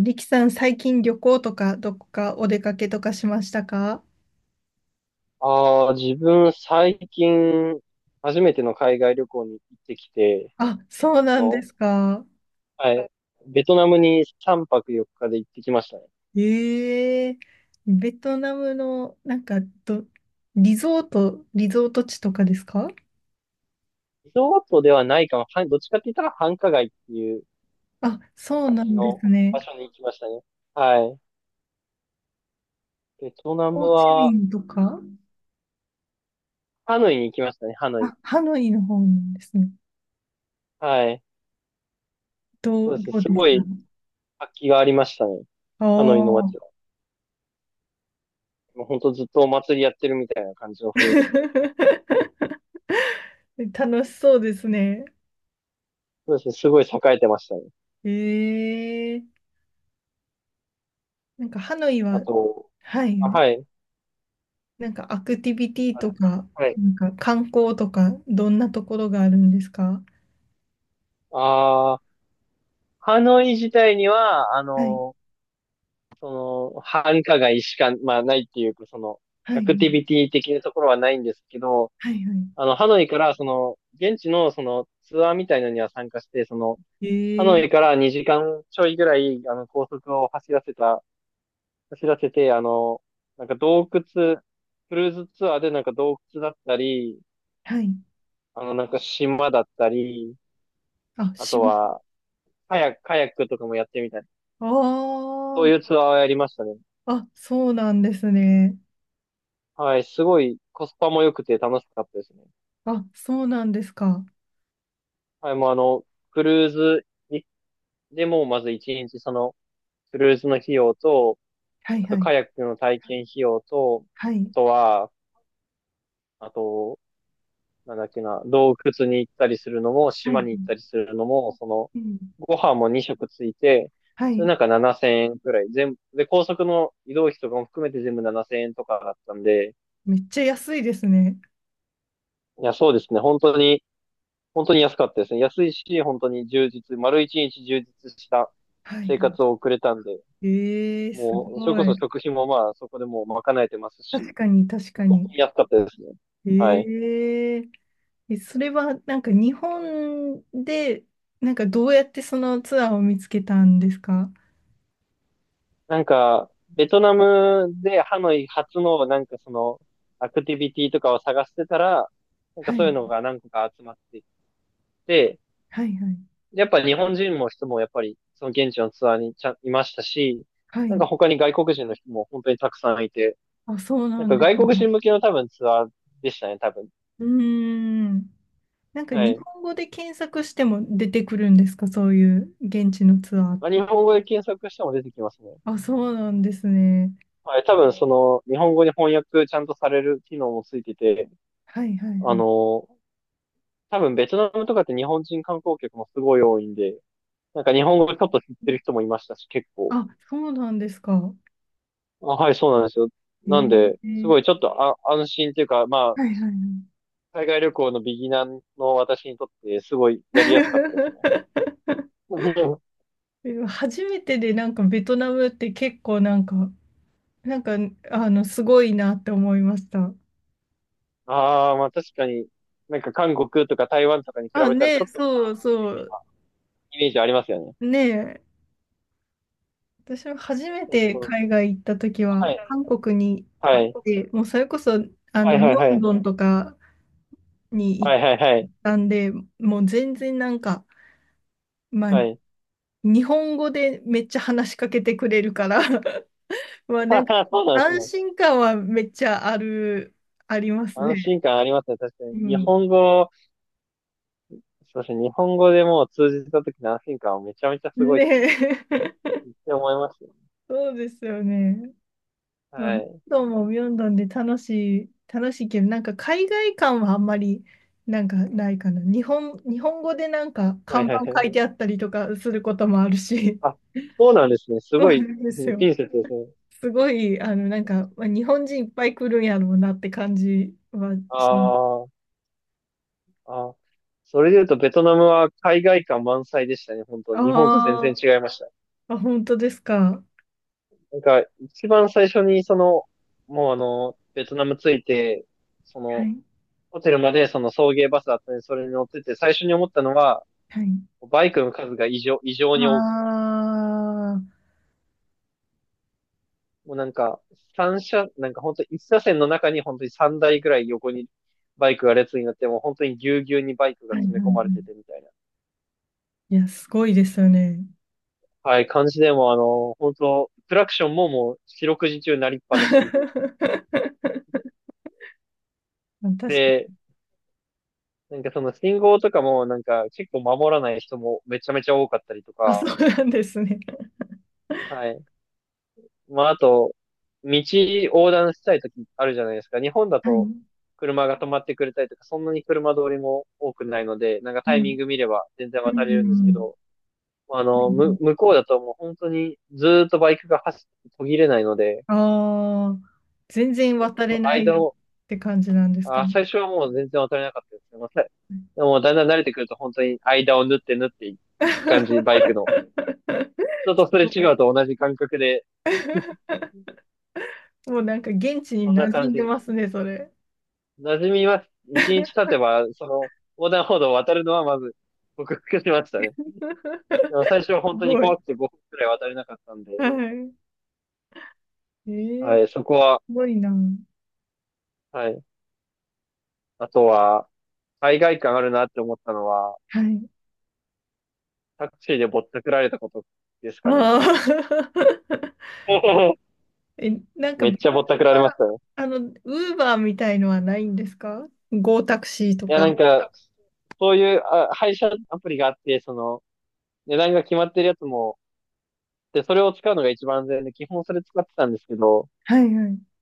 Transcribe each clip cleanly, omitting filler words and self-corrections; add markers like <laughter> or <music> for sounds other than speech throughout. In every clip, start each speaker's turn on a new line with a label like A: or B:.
A: リキさん、最近旅行とか、どこかお出かけとかしましたか？
B: ああ、自分最近、初めての海外旅行に行ってきて、
A: あ、そう
B: あ
A: なんで
B: の、
A: すか。
B: はい、ベトナムに3泊4日で行ってきましたね。
A: ええ。ベトナムの、なんか、ど、リゾート地とかですか？
B: リゾートではないかも。はい、どっちかって言ったら繁華街っていう
A: あ、そう
B: 感
A: な
B: じ
A: んで
B: の
A: すね。
B: 場所に行きましたね。はい。ベトナム
A: ホーチミ
B: は、
A: ンとか？
B: ハノイに行きましたね、ハノイ。
A: あ、ハノイの方なんですね。
B: はい。
A: ど
B: そう
A: う、
B: です。
A: どう
B: す
A: でし
B: ご
A: た
B: い活気がありましたね。
A: あ
B: ハノイの
A: あ
B: 街
A: ー。
B: は。もうほんとずっとお祭りやってるみたいな感じの雰囲気で。
A: <laughs> 楽しそうですね。
B: そうですね。すごい栄えてましたね。
A: ええ。なんかハノイ
B: あ
A: は、
B: と、
A: は
B: あ、
A: い、
B: はい。
A: なんかアクティビティ
B: あ
A: と
B: れ。
A: か、
B: はい。
A: なんか観光とか、どんなところがあるんですか？
B: ああ、ハノイ自体には、
A: はい、
B: そ繁華街しか、まあないっていうか、
A: は
B: ア
A: い、
B: クティビティ的なところはないんですけど、
A: はい、は
B: ハノイから、現地の、ツアーみたいなのには参加して、
A: い。
B: ハノイか
A: ええ。
B: ら2時間ちょいぐらい、高速を走らせて、なんか洞窟、クルーズツアーでなんか洞窟だったり、
A: はい。
B: なんか島だったり、
A: あ、
B: あと
A: 島。
B: は、カヤックとかもやってみたり、
A: あ
B: そういうツアーをやりましたね。
A: あ、あ、そうなんですね。
B: はい、すごいコスパも良くて楽しかったですね。
A: あ、そうなんですか。
B: はい、もうクルーズにでもまず一日クルーズの費用と、
A: はい、
B: あと
A: はい、
B: カヤックの体験費用と、
A: は
B: あ
A: い、
B: とは、あと、なんだっけな、洞窟に行ったりするのも、
A: はい、
B: 島
A: は
B: に行ったり
A: い。
B: するのも、
A: うん。
B: ご飯も2食ついて、
A: は
B: それ
A: い。
B: なんか7000円くらい、全部、で、高速の移動費とかも含めて全部7000円とかだったんで、
A: めっちゃ安いですね。
B: いや、そうですね、本当に本当に安かったですね。安いし、本当に丸一日充実した
A: はい、
B: 生
A: は
B: 活を送れたんで、
A: い。ええ、す
B: もう、それ
A: ご
B: こそ
A: い。
B: 食費もまあ、そこでもう賄えてますし、
A: 確かに、確か
B: 本
A: に。
B: 当に安かったですね。はい。
A: ええ。え、それはなんか日本で、なんかどうやってそのツアーを見つけたんですか？
B: なんか、ベトナムでハノイ初のなんかアクティビティとかを探してたら、なんか
A: は
B: そう
A: い、
B: いうのが何個か集まってきて、
A: はい、はい。
B: やっぱ日本人も人もやっぱりその現地のツアーにちゃんいましたし、
A: は
B: なん
A: い。
B: か他に外国人の人も本当にたくさんいて、
A: あ、そう
B: な
A: な
B: ん
A: ん
B: か
A: です
B: 外国
A: ね。
B: 人向けの多分ツアーでしたね、多分。
A: うーん。なんか
B: は
A: 日
B: い。
A: 本語で検索しても出てくるんですか、そういう現地のツアーっ
B: まあ、日
A: て。
B: 本語で検索しても出てきますね。
A: あ、そうなんですね。
B: はい、多分日本語に翻訳ちゃんとされる機能もついてて、
A: はい、はい、は
B: あ
A: い。
B: の多分ベトナムとかって日本人観光客もすごい多いんで、なんか日本語ちょっと知ってる人もいましたし、結構。
A: あ、そうなんですか。
B: あ、はい、そうなんですよ。
A: え
B: なんで、す
A: ー、
B: ごいちょっと安心というか、まあ、
A: はいはいはい。
B: 海外旅行のビギナーの私にとって、すごいやりやすかったですね。<laughs>
A: <laughs> 初めてでなんかベトナムって結構なんか、なんか、すごいなって思いました。
B: ああ、まあ確かに、なんか韓国とか台湾とかに比
A: あ、
B: べたら
A: ねえ、
B: ちょっと
A: そうそう、
B: イメージありますよね。
A: ねえ、私も初め
B: なんか
A: て
B: その、
A: 海外行った時は、
B: はい
A: 韓国に
B: は
A: 行っ
B: い
A: て、もうそれこそ、
B: はい
A: ミ
B: はいはい
A: ョ
B: は
A: ン
B: い
A: ドンとかに行っ
B: はいはい
A: たんで、もう全然なんか、まあ、
B: はい。
A: 日本語でめっちゃ話しかけてくれるから、<laughs> まあ、
B: <laughs>
A: なんか、
B: そうなんです
A: 安
B: ね。
A: 心感はめっちゃある、あります
B: 安
A: ね。
B: 心感ありますね。確か
A: う
B: に。日
A: ん。
B: 本語、そうですね。日本語でもう通じた時の安心感はめちゃめちゃすごい
A: ね
B: ですね。
A: え、
B: って思いますよ。
A: <laughs> そうですよね。まあ
B: は
A: ミョン
B: い。
A: ドンもミョンドンで楽しいけど、なんか海外感はあんまりなんかないかな。日本語でなんか
B: は
A: 看
B: いは
A: 板
B: いは
A: 書
B: い。
A: いてあったりとかすることもあるし、
B: あ、そうなんですね。す
A: そう
B: ご
A: な
B: い、
A: んで
B: う
A: す
B: ん
A: よ。
B: ピンセットですね。
A: すごい、なんか、まあ、日本人いっぱい来るんやろうなって感じは
B: あ
A: します。
B: ーあー。それで言うと、ベトナムは海外感満載でしたね。本当日本と全然
A: あ
B: 違いました。
A: ー。あ、本当ですか。
B: なんか、一番最初に、その、もうあの、ベトナム着いて、そ
A: は
B: の、
A: い、
B: ホテルまでその送迎バスだったんで、それに乗ってて、最初に思ったのは、
A: はい。
B: バイクの数が異常
A: あ
B: に多くて、
A: あ、は
B: もうなんか、なんか本当一車線の中に本当に三台ぐらい横にバイクが列になって、もう本当にぎゅうぎゅうにバイクが
A: いはいは
B: 詰め込まれて
A: い。
B: てみたいな。
A: いや、すごいですよね。
B: はい、感じでもう本当クラクションももう四六時中鳴りっ
A: <laughs>
B: ぱなし。
A: 確か
B: で、
A: に。
B: なんかその信号とかもなんか結構守らない人もめちゃめちゃ多かったりと
A: あ、そ
B: か、
A: うなんですね。
B: はい。まああと、道横断したい時あるじゃないですか。日本だ
A: は
B: と
A: い。
B: 車が止まってくれたりとか、そんなに車通りも多くないので、なんか
A: は
B: タ
A: い。
B: イミング見れば全然
A: う
B: 渡れるんですけ
A: ん。
B: ど、まあ
A: は
B: の、む、
A: い。
B: 向こうだともう本当にずーっとバイクが走って途切れないので、
A: ああ、全然渡
B: そ
A: れ
B: の
A: ない
B: 間
A: っ
B: の、
A: て感じなんですか
B: あ、
A: ね。
B: 最初はもう全然渡れなかったですけど、まあさでもだんだん慣れてくると本当に間を縫って縫っていく感じ、バイクの。人とす
A: <laughs>
B: れ
A: も
B: 違うと同じ感覚で、
A: う、もうなんか現地に
B: そんな
A: 馴染
B: 感
A: んで
B: じ。
A: ますね、それ。
B: 馴染みます。一日経てば、横断歩道を渡るのはまず、克服しましたね。
A: <laughs> す
B: でも最初は本当に
A: ごい。
B: 怖くて5分くらい渡れなかったんで、
A: はい。え
B: は
A: え、
B: い、そこは、
A: すごいな。
B: はい。あとは、海外感あるなって思ったのは、
A: はい。
B: タクシーでぼったくられたことですかね。
A: ああ。
B: <laughs>
A: <laughs> え、なんか
B: めっ
A: ベト
B: ちゃ
A: ナ
B: ぼったくられ
A: ム
B: まし
A: は、
B: たよ。
A: あの、ウーバーみたいのはないんですか、ゴータクシーと
B: いや、
A: か。
B: なんか、そういう配車アプリがあって、値段が決まってるやつも、で、それを使うのが一番安全で、基本それ使ってたんですけど、
A: はいはい。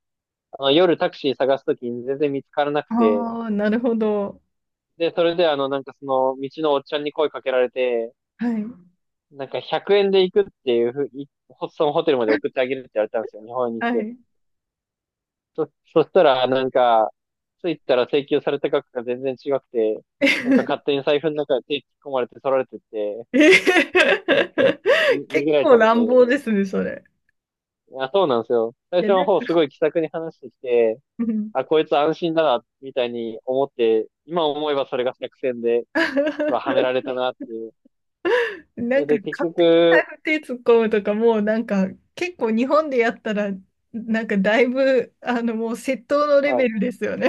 B: 夜タクシー探すときに全然見つからなくて、
A: ああ、なるほど。
B: で、それで道のおっちゃんに声かけられて、
A: はい。
B: なんか100円で行くっていうふう、そのホテルまで送ってあげるって言われたんですよ、日本円にし
A: は
B: て。
A: い。
B: そしたら、なんか、着いたら請求された額が全然違くて、
A: <laughs> え
B: なんか勝手に財布の中で手突っ込まれて取られてって、
A: ー。
B: に
A: <laughs>
B: 逃げ
A: 結
B: られち
A: 構
B: ゃっ
A: 乱
B: て。
A: 暴ですね、それ。
B: あ、そうなんですよ。最
A: い
B: 初
A: や、
B: の
A: なん
B: 方
A: か、
B: すごい気さくに話してきて、
A: うん。
B: あ、こいつ安心だな、みたいに思って、今思えばそれが作戦で、うわはめら
A: <laughs>
B: れたなっていう。そ
A: な
B: れ
A: んか
B: で結
A: 勝手に財
B: 局、
A: 布手突っ込むとか、もうなんか、結構日本でやったら、なんかだいぶ、もう窃盗のレ
B: は
A: ベ
B: い。
A: ルですよね。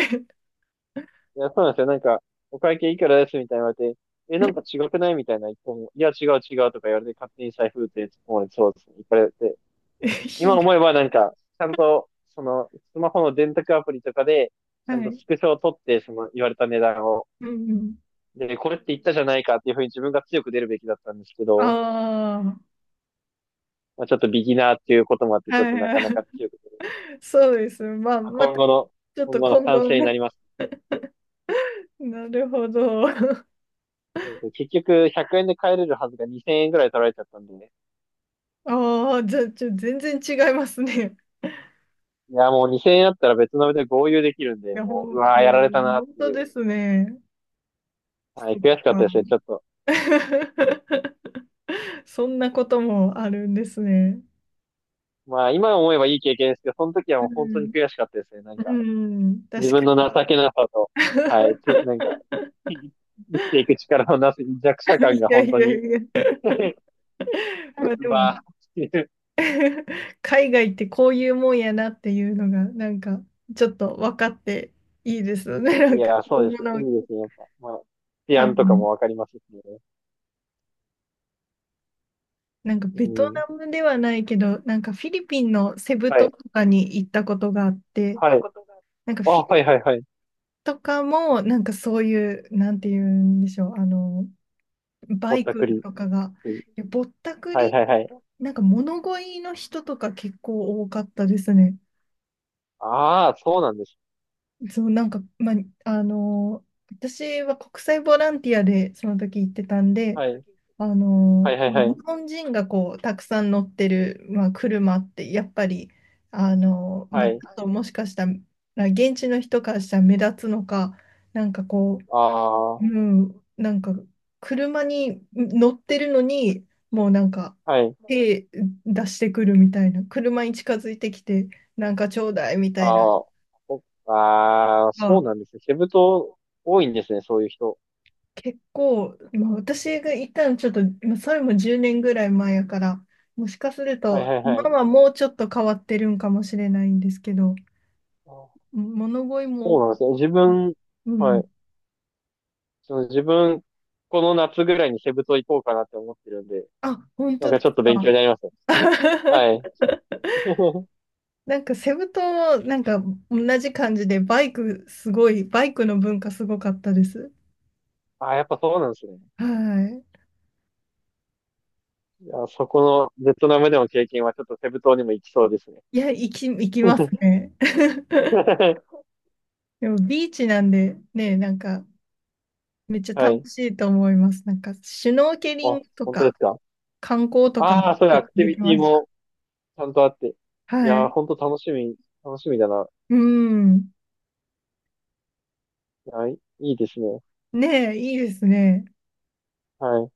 B: いや、そうなんですよ。なんか、お会計いくらですみたいな言われて、え、なんか違くないみたいな言っても、いや、違う違うとか言われて、勝手に財布って突っ込まれて、そうですね。いっぱいやって。
A: <laughs>
B: 今
A: ひどい。
B: 思えばなんか、ちゃんと、スマホの電卓アプリとかで、ちゃん
A: は
B: と
A: い。
B: スクショを取って、言われた値段を、
A: うんうん。
B: で、これって言ったじゃないかっていうふうに自分が強く出るべきだったんですけど、
A: あ
B: まあ、ちょっとビギナーっていうこともあって、
A: あ、
B: ちょっ
A: はい
B: となかな
A: は
B: か
A: い。
B: 強く出る。
A: そうです。まあ、
B: まあ、
A: また、ちょっ
B: 今
A: と
B: 後の
A: 今
B: 賛
A: 後
B: 成に
A: ね。
B: なります。
A: <laughs> なるほど。<laughs>
B: そうそう結局、100円で帰れるはずが2000円ぐらい取られちゃったんでね。
A: ああ、じゃあ、ちょ、全然違いますね。
B: いや、もう2000円あったら別の部で合流できるんで、
A: いや、ほ
B: もう、う
A: ん、う
B: わー、やられた
A: ん、
B: なっ
A: 本
B: て
A: 当
B: いう。
A: ですね。
B: は
A: そ
B: い、
A: っ
B: 悔しかったですね、ちょっと。
A: か。 <laughs> そんなこともあるんですね。
B: まあ、今思えばいい経験ですけど、その時はも
A: う
B: う本当に
A: ん、
B: 悔しかったですね。なん
A: う
B: か、
A: ん、
B: 自
A: 確か
B: 分の情けなさと、
A: に。
B: はい、て、なんか、<laughs>
A: <laughs>
B: 生きていく力のなす弱者感
A: い
B: が
A: やい
B: 本当
A: や
B: に、
A: いや。
B: <laughs> う
A: まあでも、
B: わーっていう。
A: <laughs> 海外ってこういうもんやなっていうのが、なんか、ちょっと分かっていいですよね。<laughs> な
B: い
A: んか、
B: や、そう
A: 今
B: で
A: 後
B: す。い
A: の
B: いですね、やっぱ。まあ、治
A: 多
B: 安とか
A: 分、
B: もわかりますしね。
A: なんか
B: う
A: ベト
B: ん。
A: ナムではないけど、なんかフィリピンのセブ
B: は
A: 島
B: い、
A: とかに行ったことがあって、
B: はい。
A: なんか
B: あ、
A: フィ
B: は
A: リ
B: い、はい、はい。
A: とかも、なんかそういう、なんて言うんでしょう、バ
B: ぼっ
A: イ
B: たく
A: ク
B: り。
A: とかが、いや、ぼったく
B: はい
A: り、
B: はいはい。
A: なんか物乞いの人とか結構多かったですね。
B: ああ、そうなんです。
A: そう、なんか、まあ、あの、私は国際ボランティアでその時行ってたんで、
B: はい。はいはいは
A: 日
B: い。
A: 本人がこう、たくさん乗ってる、まあ、車って、やっぱり、ま
B: は
A: あ、ち
B: い。
A: ょっともしかしたら、現地の人からしたら目立つのか、なんかこ
B: あ
A: う、う
B: あ、
A: ん、なんか、車に乗ってるのに、もうなんか、
B: はい。
A: 手出してくるみたいな、車に近づいてきて、なんかちょうだいみたいな、
B: ああ、
A: ま
B: そう
A: あ、
B: なんですね。セブ島多いんですね、そういう人。
A: 結構、まあ、私がいたのちょっと、まあそれも10年ぐらい前やから、もしかする
B: はいは
A: と、
B: いは
A: 今
B: い。
A: はもうちょっと変わってるんかもしれないんですけど、
B: あー
A: 物乞い
B: そう
A: も、
B: なんですね。自分、
A: う
B: は
A: ん、
B: い。その自分、この夏ぐらいにセブ島行こうかなって思ってるんで、
A: あ、本
B: なん
A: 当
B: か
A: で
B: ちょっ
A: す
B: と勉強
A: か。
B: になりますね。は
A: <laughs>
B: い。<laughs>
A: なんかセブ島もなんか同じ感じでバイクすごい、バイクの文化すごかったです。
B: ああ、やっぱそうなんですね。
A: は
B: いや、そこのベトナムでの経験はちょっとセブ島にも行きそうですね。
A: い。いや、行きますね。<laughs>
B: <laughs>
A: でもビーチなんでね、なんかめっちゃ
B: はい。
A: 楽しいと思います。なんかシュノーケリン
B: あ、
A: グと
B: 本当で
A: か
B: すか。
A: 観光とか
B: ああ、そういうアクティ
A: でき
B: ビテ
A: ま
B: ィ
A: した。
B: もちゃんとあって。い
A: は
B: やー、
A: い。
B: ほんと楽しみだな。
A: うん。
B: いやいいですね。
A: ねえ、いいですね。
B: はい。